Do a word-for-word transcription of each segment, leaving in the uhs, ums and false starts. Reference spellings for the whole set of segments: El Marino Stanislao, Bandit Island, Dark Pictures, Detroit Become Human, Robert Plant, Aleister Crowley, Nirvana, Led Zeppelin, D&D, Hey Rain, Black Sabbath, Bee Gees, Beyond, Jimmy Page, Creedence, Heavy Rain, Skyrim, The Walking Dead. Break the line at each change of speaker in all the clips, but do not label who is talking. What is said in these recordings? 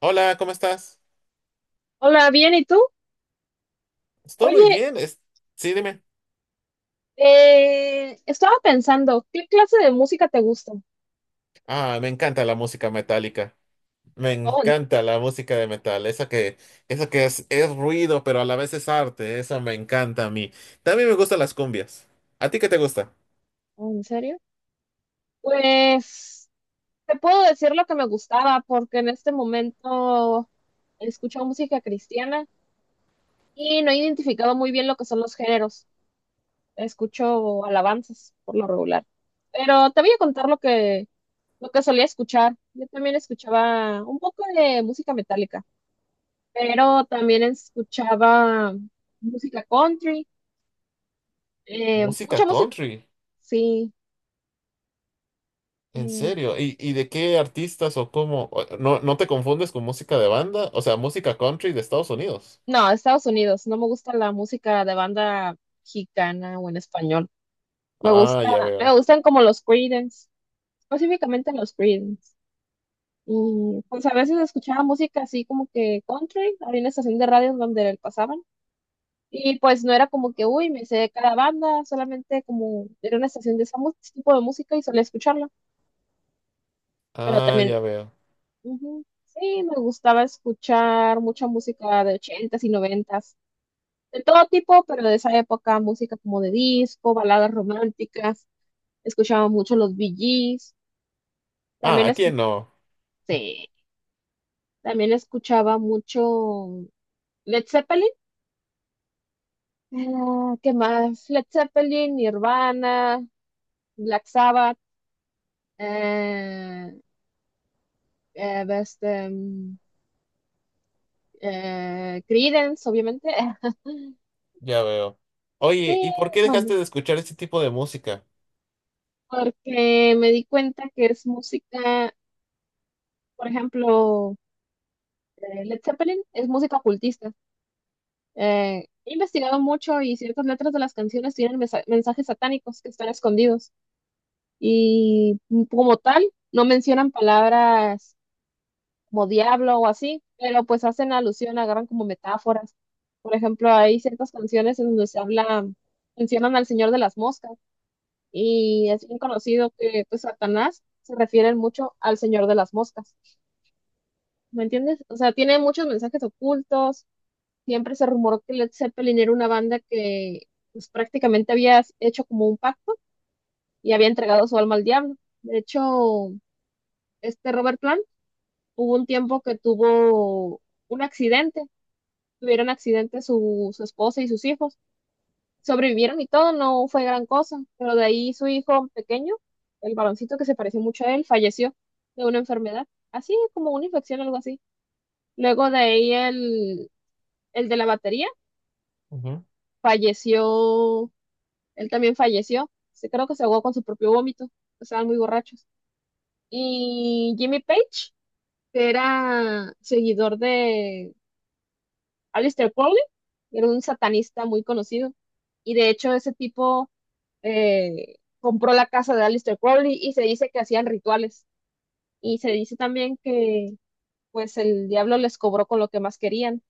Hola, ¿cómo estás?
Hola, bien, ¿y tú?
Estoy muy
Oye,
bien. Es... Sí, dime.
eh, estaba pensando, ¿qué clase de música te gusta?
Ah, me encanta la música metálica. Me
Oh, ¿en
encanta la música de metal. Esa que, esa que es, es ruido, pero a la vez es arte. Esa me encanta a mí. También me gustan las cumbias. ¿A ti qué te gusta?
oh, ¿en serio? Pues te puedo decir lo que me gustaba, porque en este momento escucho música cristiana y no he identificado muy bien lo que son los géneros. Escucho alabanzas por lo regular. Pero te voy a contar lo que, lo que solía escuchar. Yo también escuchaba un poco de música metálica, pero también escuchaba música country. Eh,
Música
mucha música,
country.
sí.
¿En
eh,
serio? ¿Y, y de qué artistas o cómo? O- ¿No, no te confundes con música de banda? O sea, música country de Estados Unidos.
no, Estados Unidos. No me gusta la música de banda mexicana o en español. Me
Ah,
gusta,
ya
me
veo.
gustan como los Creedence, específicamente los Creedence. Y pues a veces escuchaba música así como que country. Había una estación de radio en donde pasaban. Y pues no era como que, uy, me sé cada banda, solamente como era una estación de ese tipo de música y solía escucharla. Pero
Ah,
también,
ya veo.
ujú, sí, me gustaba escuchar mucha música de ochentas y noventas. De todo tipo, pero de esa época, música como de disco, baladas románticas, escuchaba mucho los Bee Gees,
Ah, a
también
aquí
escuché,
no.
también escuchaba mucho Led Zeppelin. Ah, ¿qué más? Led Zeppelin, Nirvana, Black Sabbath, eh, eh, este, mm, eh, Creedence, obviamente.
Ya veo. Oye,
Sí,
¿y por qué
bueno,
dejaste de escuchar este tipo de música?
porque me di cuenta que es música, por ejemplo, eh, Led Zeppelin es música ocultista. Eh, he investigado mucho y ciertas letras de las canciones tienen mesa- mensajes satánicos que están escondidos y mm, como tal no mencionan palabras como diablo o así, pero pues hacen alusión, agarran como metáforas. Por ejemplo, hay ciertas canciones en donde se habla, mencionan al Señor de las Moscas y es bien conocido que pues Satanás se refiere mucho al Señor de las Moscas. ¿Me entiendes? O sea, tiene muchos mensajes ocultos. Siempre se rumoró que Led Zeppelin era una banda que pues, prácticamente había hecho como un pacto y había entregado su alma al diablo. De hecho, este Robert Plant hubo un tiempo que tuvo un accidente, tuvieron accidente su, su esposa y sus hijos, sobrevivieron y todo, no fue gran cosa, pero de ahí su hijo pequeño, el baloncito que se pareció mucho a él, falleció de una enfermedad, así como una infección algo así. Luego de ahí el, el de la batería
Ujú.
falleció. Él también falleció. Se, creo que se ahogó con su propio vómito. Estaban muy borrachos. Y Jimmy Page, que era seguidor de Aleister Crowley, era un satanista muy conocido. Y de hecho, ese tipo eh, compró la casa de Aleister Crowley y se dice que hacían rituales. Y se dice también que pues el diablo les cobró con lo que más querían.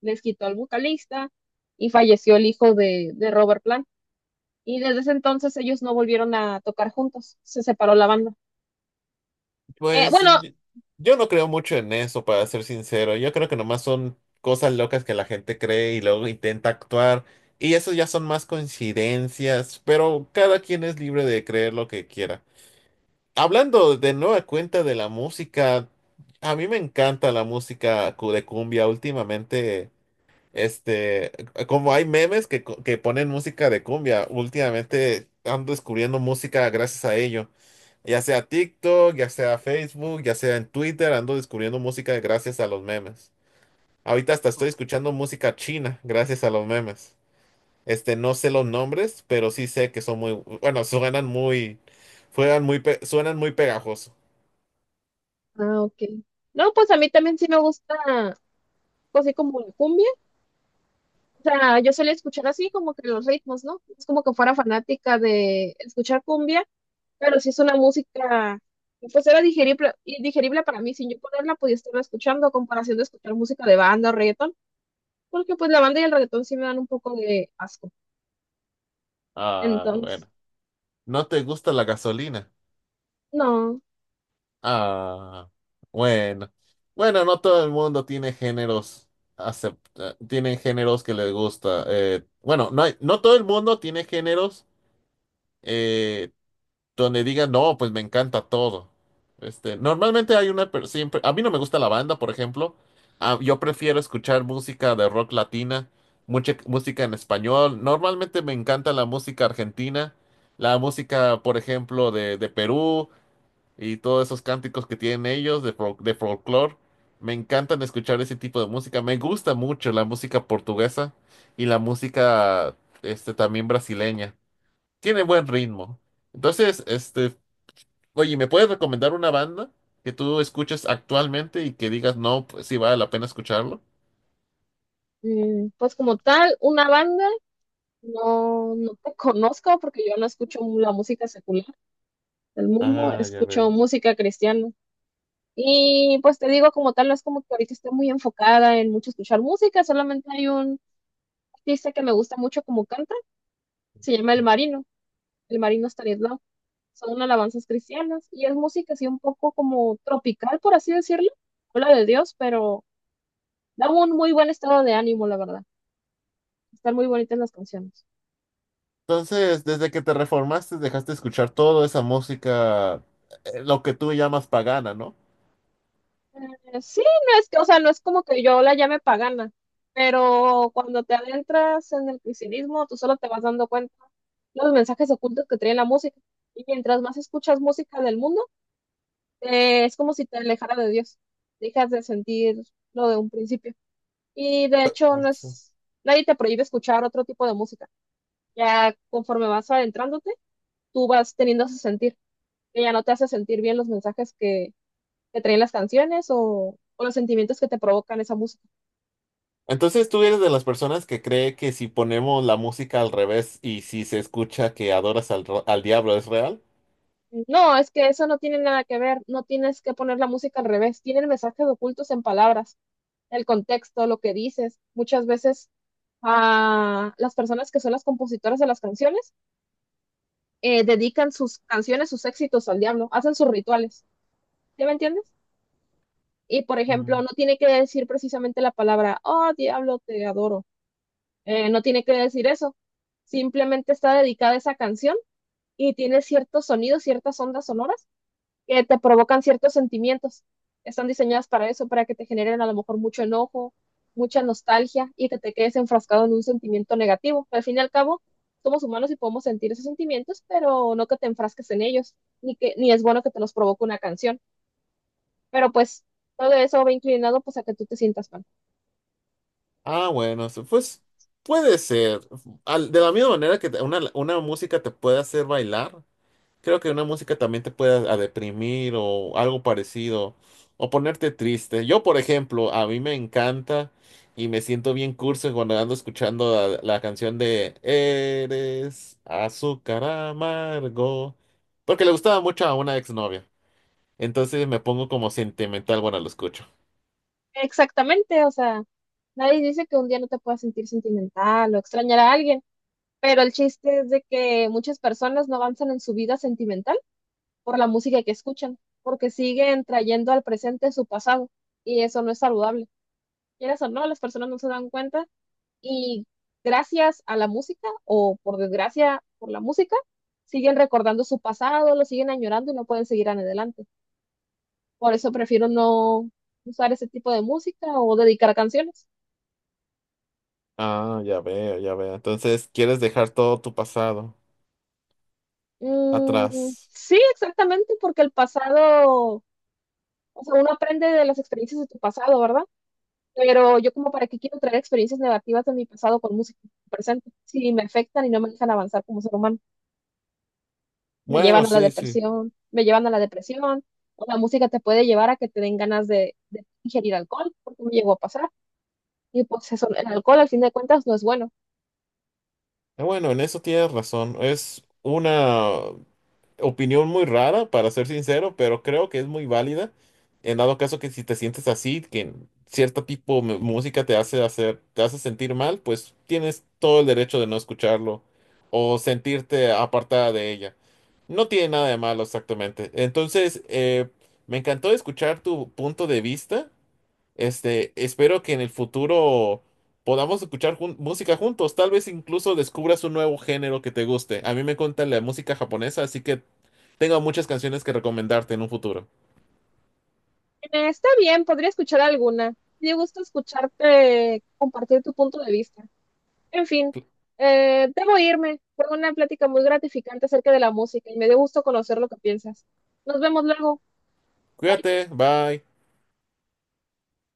Les quitó al vocalista y falleció el hijo de, de Robert Plant. Y desde ese entonces ellos no volvieron a tocar juntos, se separó la banda. Eh,
Pues
bueno,
yo, yo no creo mucho en eso, para ser sincero. Yo creo que nomás son cosas locas que la gente cree y luego intenta actuar. Y eso ya son más coincidencias, pero cada quien es libre de creer lo que quiera. Hablando de nueva cuenta de la música, a mí me encanta la música cu- de cumbia últimamente. Este, como hay memes que, co- que ponen música de cumbia, últimamente ando descubriendo música gracias a ello. Ya sea TikTok, ya sea Facebook, ya sea en Twitter, ando descubriendo música gracias a los memes. Ahorita hasta estoy escuchando música china gracias a los memes. Este, no sé los nombres, pero sí sé que son muy, bueno, suenan muy, suenan muy, pe- suenan muy pegajoso.
ah, ok. No, pues a mí también sí me gusta, pues así como la cumbia. O sea, yo solía escuchar así como que los ritmos, ¿no? Es como que fuera fanática de escuchar cumbia, pero sí es una música, pues era digerible, y digerible para mí, sin yo ponerla podía estarla escuchando a comparación de escuchar música de banda o reggaetón, porque pues la banda y el reggaetón sí me dan un poco de asco.
Ah,
Entonces,
bueno. ¿No te gusta la gasolina?
no,
Ah, bueno. Bueno, no todo el mundo tiene géneros acepta, tienen géneros que les gusta. Eh, bueno, no hay- no todo el mundo tiene géneros eh, donde digan, no, pues me encanta todo. Este, normalmente hay una, per- siempre, a mí no me gusta la banda, por ejemplo. Ah, yo prefiero escuchar música de rock latina, mucha música en español. Normalmente me encanta la música argentina, la música, por ejemplo, de, de Perú y todos esos cánticos que tienen ellos de, fol- de folclore. Me encantan escuchar ese tipo de música. Me gusta mucho la música portuguesa y la música este, también brasileña. Tiene buen ritmo. Entonces, este, oye, ¿me puedes recomendar una banda que tú escuches actualmente y que digas, no, pues sí vale la pena escucharlo?
mm, pues como tal, una banda. No, no te conozco porque yo no escucho la música secular del mundo,
Ah, ya
escucho
veo.
música cristiana. Y pues te digo, como tal, no es como que ahorita estoy muy enfocada en mucho escuchar música, solamente hay un artista que me gusta mucho como canta, se llama El Marino, El Marino Stanislao. Son alabanzas cristianas y es música así un poco como tropical, por así decirlo. Habla de Dios, pero da un muy buen estado de ánimo, la verdad. Están muy bonitas las canciones.
Entonces, desde que te reformaste, dejaste de escuchar toda esa música, eh, lo que tú llamas pagana, ¿no?
Eh, Sí, no es que, o sea, no es como que yo la llame pagana, pero cuando te adentras en el cristianismo, tú solo te vas dando cuenta los mensajes ocultos que trae la música. Y mientras más escuchas música del mundo, eh, es como si te alejara de Dios. Dejas de sentir lo de un principio. Y de hecho, no es, nadie te prohíbe escuchar otro tipo de música. Ya conforme vas adentrándote, tú vas teniendo ese sentir, que ya no te hace sentir bien los mensajes que, que traen las canciones o o los sentimientos que te provocan esa música.
Entonces tú eres de las personas que cree que si ponemos la música al revés y si se escucha que adoras al, ro- al diablo es real.
No, es que eso no tiene nada que ver, no tienes que poner la música al revés, tienen mensajes ocultos en palabras, el contexto, lo que dices. Muchas veces a las personas que son las compositoras de las canciones eh, dedican sus canciones, sus éxitos al diablo, hacen sus rituales, ¿sí me entiendes? Y por ejemplo,
Mm.
no tiene que decir precisamente la palabra, oh diablo, te adoro, eh, no tiene que decir eso, simplemente está dedicada esa canción y tiene ciertos sonidos, ciertas ondas sonoras que te provocan ciertos sentimientos. Están diseñadas para eso, para que te generen a lo mejor mucho enojo, mucha nostalgia y que te quedes enfrascado en un sentimiento negativo. Al fin y al cabo, somos humanos y podemos sentir esos sentimientos, pero no que te enfrasques en ellos, ni que ni es bueno que te los provoque una canción. Pero pues todo eso va inclinado pues a que tú te sientas mal.
Ah, bueno, so- pues puede ser. Al- de la misma manera que te- una, una música te puede hacer bailar, creo que una música también te puede a deprimir o algo parecido, o ponerte triste. Yo, por ejemplo, a mí me encanta y me siento bien curso cuando ando escuchando la, la canción de Eres azúcar amargo, porque le gustaba mucho a una exnovia. Entonces me pongo como sentimental cuando lo escucho.
Exactamente, o sea, nadie dice que un día no te puedas sentir sentimental o extrañar a alguien, pero el chiste es de que muchas personas no avanzan en su vida sentimental por la música que escuchan, porque siguen trayendo al presente su pasado y eso no es saludable. Quieras o no, las personas no se dan cuenta y gracias a la música o por desgracia por la música, siguen recordando su pasado, lo siguen añorando y no pueden seguir adelante. Por eso prefiero no usar ese tipo de música o dedicar canciones.
Ah, ya veo, ya veo. Entonces quieres dejar todo tu pasado
Mm,
atrás.
sí, exactamente, porque el pasado, o sea, uno aprende de las experiencias de tu pasado, ¿verdad? Pero yo como para qué quiero traer experiencias negativas de mi pasado con música presente, si me afectan y no me dejan avanzar como ser humano, me
Bueno,
llevan a la
sí, sí.
depresión, me llevan a la depresión, o la música te puede llevar a que te den ganas de, de ingerir alcohol, porque me llegó a pasar, y pues eso, el alcohol al fin de cuentas no es bueno.
Eh, Bueno, en eso tienes razón. Es una opinión muy rara, para ser sincero, pero creo que es muy válida. En dado caso que si te sientes así, que cierto tipo de música te hace hacer, te hace sentir mal, pues tienes todo el derecho de no escucharlo o sentirte apartada de ella. No tiene nada de malo exactamente. Entonces, eh, me encantó escuchar tu punto de vista. Este, espero que en el futuro podamos escuchar jun- música juntos. Tal vez incluso descubras un nuevo género que te guste. A mí me encanta la música japonesa, así que tengo muchas canciones que recomendarte en un futuro.
Eh, está bien, podría escuchar alguna, me gusta escucharte compartir tu punto de vista. En fin,
Cu-
eh, debo irme, fue una plática muy gratificante acerca de la música y me dio gusto conocer lo que piensas. Nos vemos luego. Bye.
Cuídate, bye.